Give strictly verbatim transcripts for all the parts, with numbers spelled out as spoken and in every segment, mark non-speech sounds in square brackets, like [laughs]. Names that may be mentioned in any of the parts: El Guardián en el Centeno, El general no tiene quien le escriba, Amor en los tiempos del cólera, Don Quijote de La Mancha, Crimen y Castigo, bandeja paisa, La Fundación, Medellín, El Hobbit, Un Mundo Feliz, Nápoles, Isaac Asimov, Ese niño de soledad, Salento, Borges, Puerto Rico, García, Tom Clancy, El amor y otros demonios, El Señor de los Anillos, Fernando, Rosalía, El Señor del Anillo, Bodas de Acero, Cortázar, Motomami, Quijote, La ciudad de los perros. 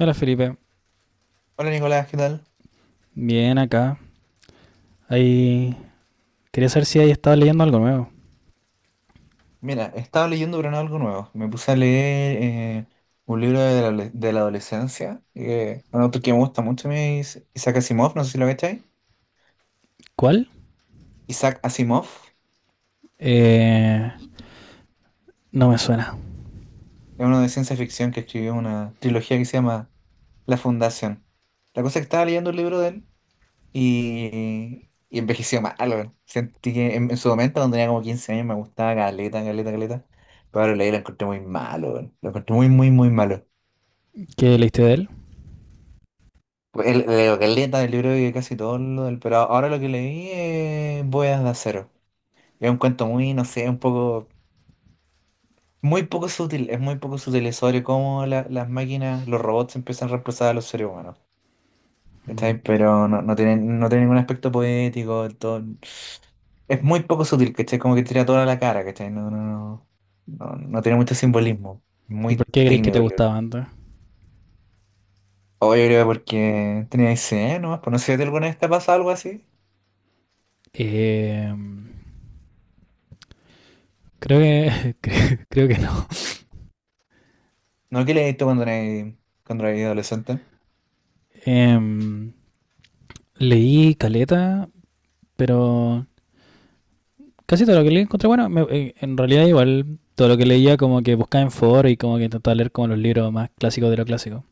Hola Felipe, Hola Nicolás, ¿qué tal? bien acá. Ahí quería saber si ahí estaba leyendo algo nuevo. Mira, estaba leyendo pero no algo nuevo. Me puse a leer eh, un libro de la, de la adolescencia, eh, un autor que me gusta mucho, a mí es Isaac Asimov, no sé si lo cachai. ¿Cuál? Isaac Asimov Eh, no me suena. es uno de ciencia ficción que escribió una trilogía que se llama La Fundación. La cosa es que estaba leyendo el libro de él y, y envejeció mal, weón. Sentí que en, en su momento, cuando tenía como quince años, me gustaba caleta, caleta, caleta. Pero ahora leí y lo encontré muy malo, weón. Lo encontré muy, muy, muy malo. ¿Qué leíste de él? Pues, el- leo caleta del libro que casi todo lo del, pero ahora lo que leí es Bodas de Acero. Es un cuento muy, no sé, un poco, muy poco sutil, es muy poco sutil sobre cómo la- las máquinas, los robots empiezan a reemplazar a los seres humanos. ¿Cachai? Pero no, no tiene, no tiene ningún aspecto poético, todo, es muy poco sutil, ¿cachai? Como que tira toda la cara, ¿cachai? No, no, no, no, no tiene mucho simbolismo, ¿Y por muy qué crees que te técnico el libro. gustaba antes? O yo creo porque tenía dieciséis años nomás, pues no sé si alguna vez te ha pasado algo así. Eh, Creo que [laughs] cre- creo que no. ¿No que leíste cuando eres cuando eres adolescente? Em, Leí Caleta, pero casi todo lo que leí encontré bueno. Me- eh, en realidad igual todo lo que leía como que buscaba en foro y como que intentaba leer como los libros más clásicos de lo clásico.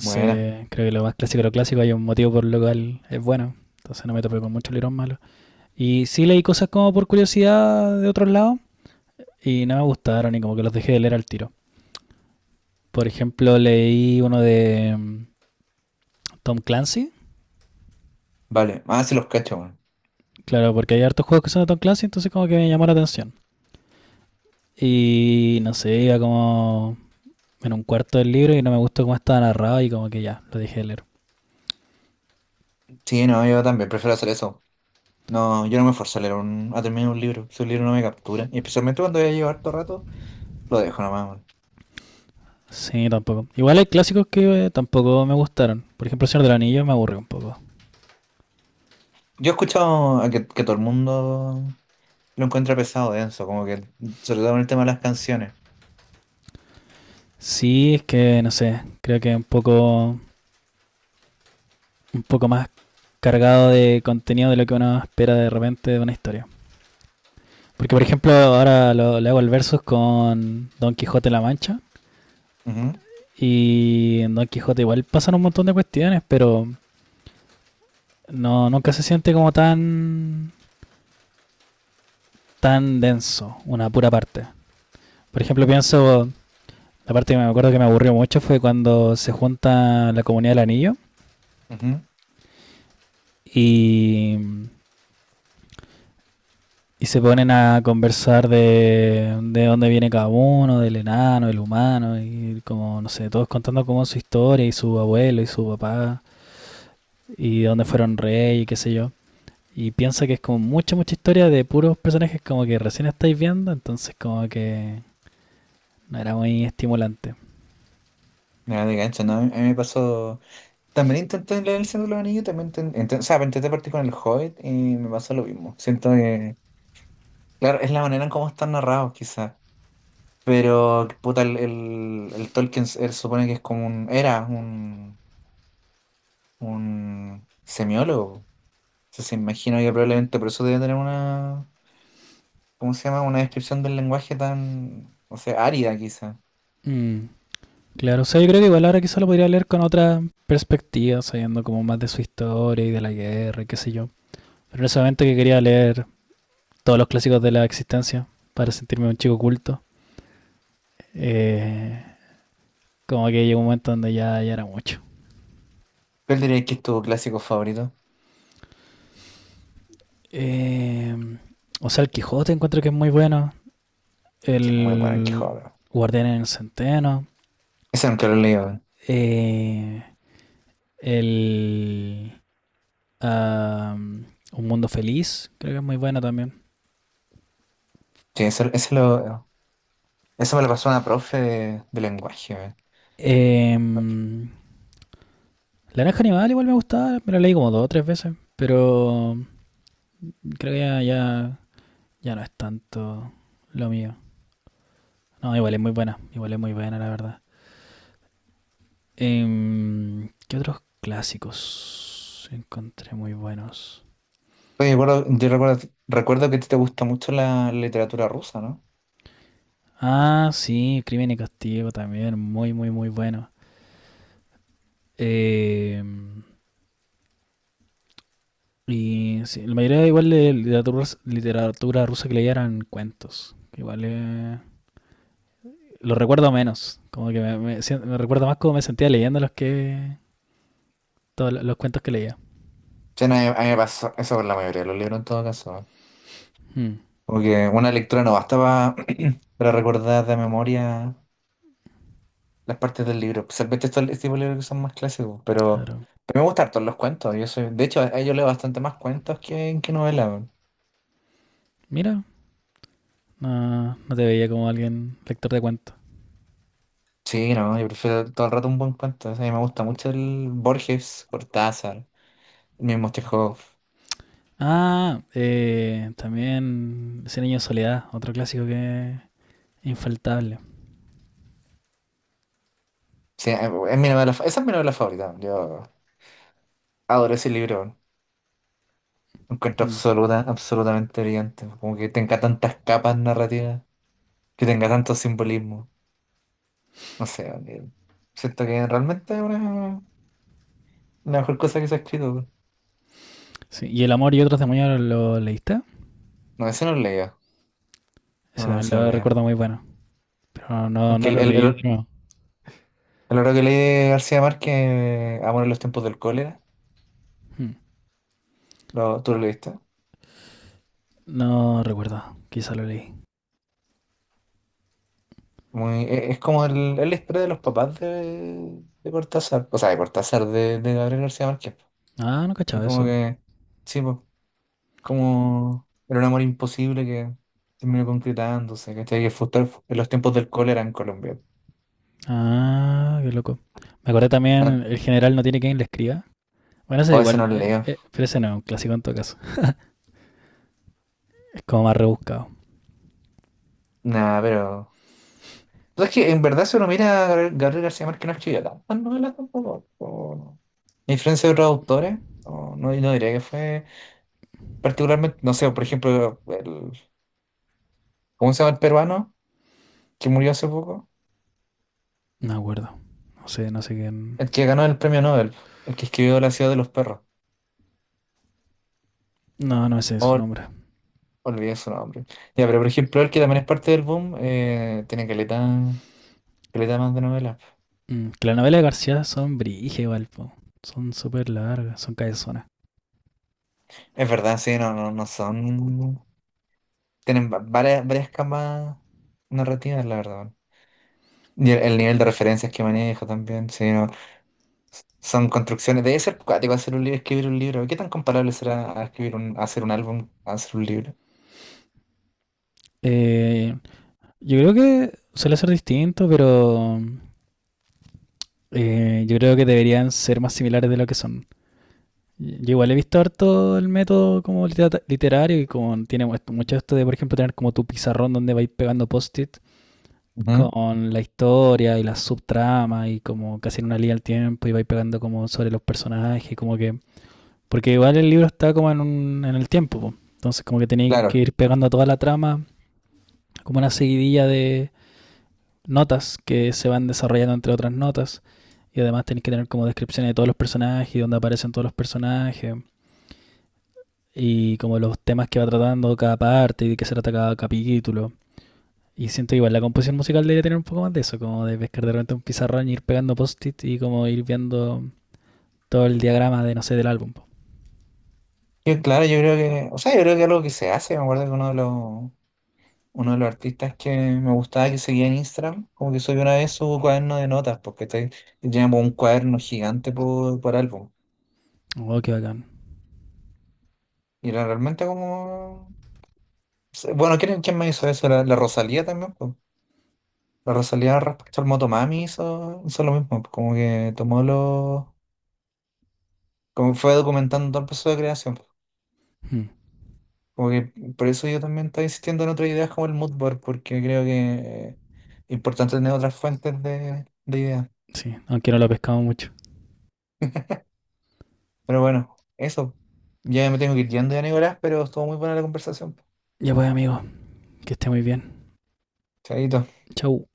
Buena, creo que lo más clásico de lo clásico, hay un motivo por lo cual es bueno. Entonces no me topé con mucho librón malo. Y sí leí cosas como por curiosidad de otros lados y no me gustaron y como que los dejé de leer al tiro. Por ejemplo, leí uno de mm, Tom Clancy. vale. Ah, sí los cacho, weón. Claro, porque hay hartos juegos que son de Tom Clancy, entonces como que me llamó la atención. Y no sé, iba como en un cuarto del libro y no me gustó cómo estaba narrado y como que ya, lo dejé de leer. Sí, no, yo también prefiero hacer eso. No, yo no me esfuerzo a leer un, a terminar un libro. Si un libro no me captura, y especialmente cuando ya llevo harto rato, lo dejo nomás, weón. Sí, tampoco. Igual hay clásicos que eh, tampoco me gustaron. Por ejemplo, El Señor del Anillo me aburrió un poco. Yo he escuchado a que, que todo el mundo lo encuentra pesado, denso, como que, sobre todo en el tema de las canciones. Sí, es que no sé, creo que un poco, un poco más cargado de contenido de lo que uno espera de repente de una historia. Porque por ejemplo ahora lo, le hago el versus con Don Quijote de La Mancha Ujú, y en Don Quijote igual pasan un montón de cuestiones, pero no nunca se siente como tan tan denso una pura parte. Por ejemplo pienso la parte que me acuerdo que me aburrió mucho fue cuando se junta la comunidad del anillo ujú. y Y se ponen a conversar de, de dónde viene cada uno, del enano, del humano, y como, no sé, todos contando como su historia y su abuelo y su papá, y dónde fueron rey y qué sé yo. Y piensa que es como mucha, mucha historia de puros personajes como que recién estáis viendo, entonces como que no era muy estimulante. Nada de gancho, ¿no? A mí me pasó. También intenté leer El Señor de los Anillos, también inten- inten- o sea, intenté partir con El Hobbit y me pasó lo mismo. Siento que. Claro, es la manera en cómo están narrados, quizás. Pero, puta, el, el, el Tolkien s- él supone que es como un. Era un, un semiólogo. Entonces, se imagina que probablemente por eso debe tener una. ¿Cómo se llama? Una descripción del lenguaje tan. O sea, árida, quizás. Mm, claro, o sea, yo creo que igual ahora quizá lo podría leer con otra perspectiva, sabiendo como más de su historia y de la guerra y qué sé yo. Pero en ese momento que quería leer todos los clásicos de la existencia para sentirme un chico culto. Eh, Como que llegó un momento donde ya, ya era mucho. ¿Cuál dirías que es tu clásico favorito? Eh, o sea, el Quijote encuentro que es muy bueno. Que es muy bueno el El Quijote. Guardián en el Centeno. Ese nunca lo he leído, weón. eh, el ah, Un Mundo Feliz, creo que es muy bueno también. Sí, ese, ese lo, eso me lo pasó una profe de, de lenguaje, weón. Eh, la granja Animal igual me gustaba, me lo leí como dos o tres veces, pero creo que ya, ya, ya no es tanto lo mío. No, igual es muy buena, igual es muy buena, la verdad. Em, ¿qué otros clásicos encontré muy buenos? Oye, recuerdo- yo recuerdo, recuerdo que a ti te gusta mucho la literatura rusa, ¿no? Ah, sí, Crimen y Castigo también, muy, muy, muy bueno. Em, y sí, la mayoría igual de literatura, literatura rusa que leía eran cuentos. Que igual eh, lo recuerdo menos, como que me, me sien- me recuerdo más cómo me sentía leyendo los que todos lo- los cuentos que leía. Sí, no, a mí a mí me pasó eso con la mayoría de los libros en todo caso. ¿Eh? Mm, Como que una lectura no basta pa- [clears throat] para recordar de memoria las partes del libro, especialmente estos este tipo de libros que son más clásicos, pero, claro. pero me gustan harto los cuentos. Yo soy, de hecho, a- yo leo bastante más cuentos que, que novelas, weón. Mira, no, no te veía como alguien lector de cuentos. Sí, no, yo prefiero todo el rato un buen cuento. O sea, a mí me gusta mucho el Borges, Cortázar, el mismo Chekhov. Ah, eh, también Ese niño de soledad, otro clásico que es infaltable. Sí, eh, es mi novela fa- esa es mi novela favorita. Yo adoro ese libro. Lo encuentro Mm. absoluta, absolutamente brillante. Como que tenga tantas capas narrativas, que tenga tanto simbolismo. No sé, eh, siento que realmente es una, la mejor cosa que se ha escrito, weón. Sí, ¿y El amor y otros demonios lo leíste? No, ese no lo leía. Ese No, no, también ese no lo lo leía. recuerdo muy bueno, pero no, no El, que- no el, lo el, leí de el- nuevo. el otro que leí de García Márquez, Amor en los Tiempos del Cólera, Mm. lo, ¿tú lo leíste? No recuerdo, quizá lo leí. Muy, e- es como el, es la historia de los papás de, de Cortázar, o sea, de Cortázar, de, de Gabriel García Márquez. Ah, no Así cachaba como eso. que, sí, pues, como era un amor imposible que terminó concretándose, ¿cachai? Que fue en los tiempos del cólera en Colombia. Ah, qué loco. Me acordé también El general no tiene quien le escriba. Bueno, ese es O ese igual, no lo eh, leo. eh, pero ese no es un clásico en todo caso. Es como más rebuscado. Nada pero. Pues es que en verdad, si uno mira a Gabriel, Gabriel García Márquez, no escribió tantas novelas tampoco. O no. A influencia de otros autores, no, no, no diría que fue particularmente. No sé, por ejemplo, el, ¿cómo se llama el peruano que murió hace poco? No me acuerdo. No sé, no sé quién. El que ganó el premio Nobel, el que escribió La Ciudad de los Perros. No, no sé su Ol- nombre. olvidé su nombre. Ya, pero por ejemplo, el que también es parte del boom, eh, tiene caleta, caleta más de novelas. Mm, que las novelas de García son brige igual, po. Son súper largas, son cabezonas. Es verdad, sí, no, no, no son. Tienen va- varias, varias camas narrativas, la verdad. Bueno. Y el, el nivel de referencias que maneja también, sí, no, son construcciones. Debe ser cuático hacer un libro, escribir un libro. ¿Qué tan comparable será a escribir un, a hacer un álbum, a hacer un libro? Eh, yo creo que suele ser distinto, pero eh, yo creo que deberían ser más similares de lo que son. Yo igual he visto harto el método como liter- literario y como tiene mu- mucho esto de, por ejemplo, tener como tu pizarrón donde vais pegando post-it Ujú. con la historia y las subtramas y como casi en una línea al tiempo y vais pegando como sobre los personajes, como que porque igual el libro está como en, un, en el tiempo, po, entonces como que tenéis que Claro. ir pegando a toda la trama, como una seguidilla de notas que se van desarrollando entre otras notas. Y además tenéis que tener como descripciones de todos los personajes, y dónde aparecen todos los personajes, y como los temas que va tratando cada parte y de qué se trata cada capítulo. Y siento que igual la composición musical debería tener un poco más de eso, como de pescar de repente un pizarrón y ir pegando post-it y como ir viendo todo el diagrama de, no sé, del álbum. Yo, claro, yo creo que, o sea, yo creo que algo que se hace, me acuerdo que uno de los, uno de los artistas que me gustaba que seguía en Instagram, como que subió una vez su cuaderno de notas, porque te, tenía como un cuaderno gigante por, por álbum. Oh, qué bacán. Y era realmente como. Se- Bueno, ¿quién, quién me hizo eso? La, la Rosalía también, po. La Rosalía respecto al Motomami hizo, hizo lo mismo, po. Como que tomó los. Como fue documentando todo el proceso de creación, po. Hmm, Como que por eso yo también estoy insistiendo en otras ideas como el mood board, porque creo que es importante tener otras fuentes de, de ideas. sí, aunque no lo pescamos mucho. Pero bueno, eso. Ya me tengo que ir yendo ya, Nicolás, pero estuvo muy buena la conversación, po. Ya pues, amigo, que esté muy bien. Chaito. Chau.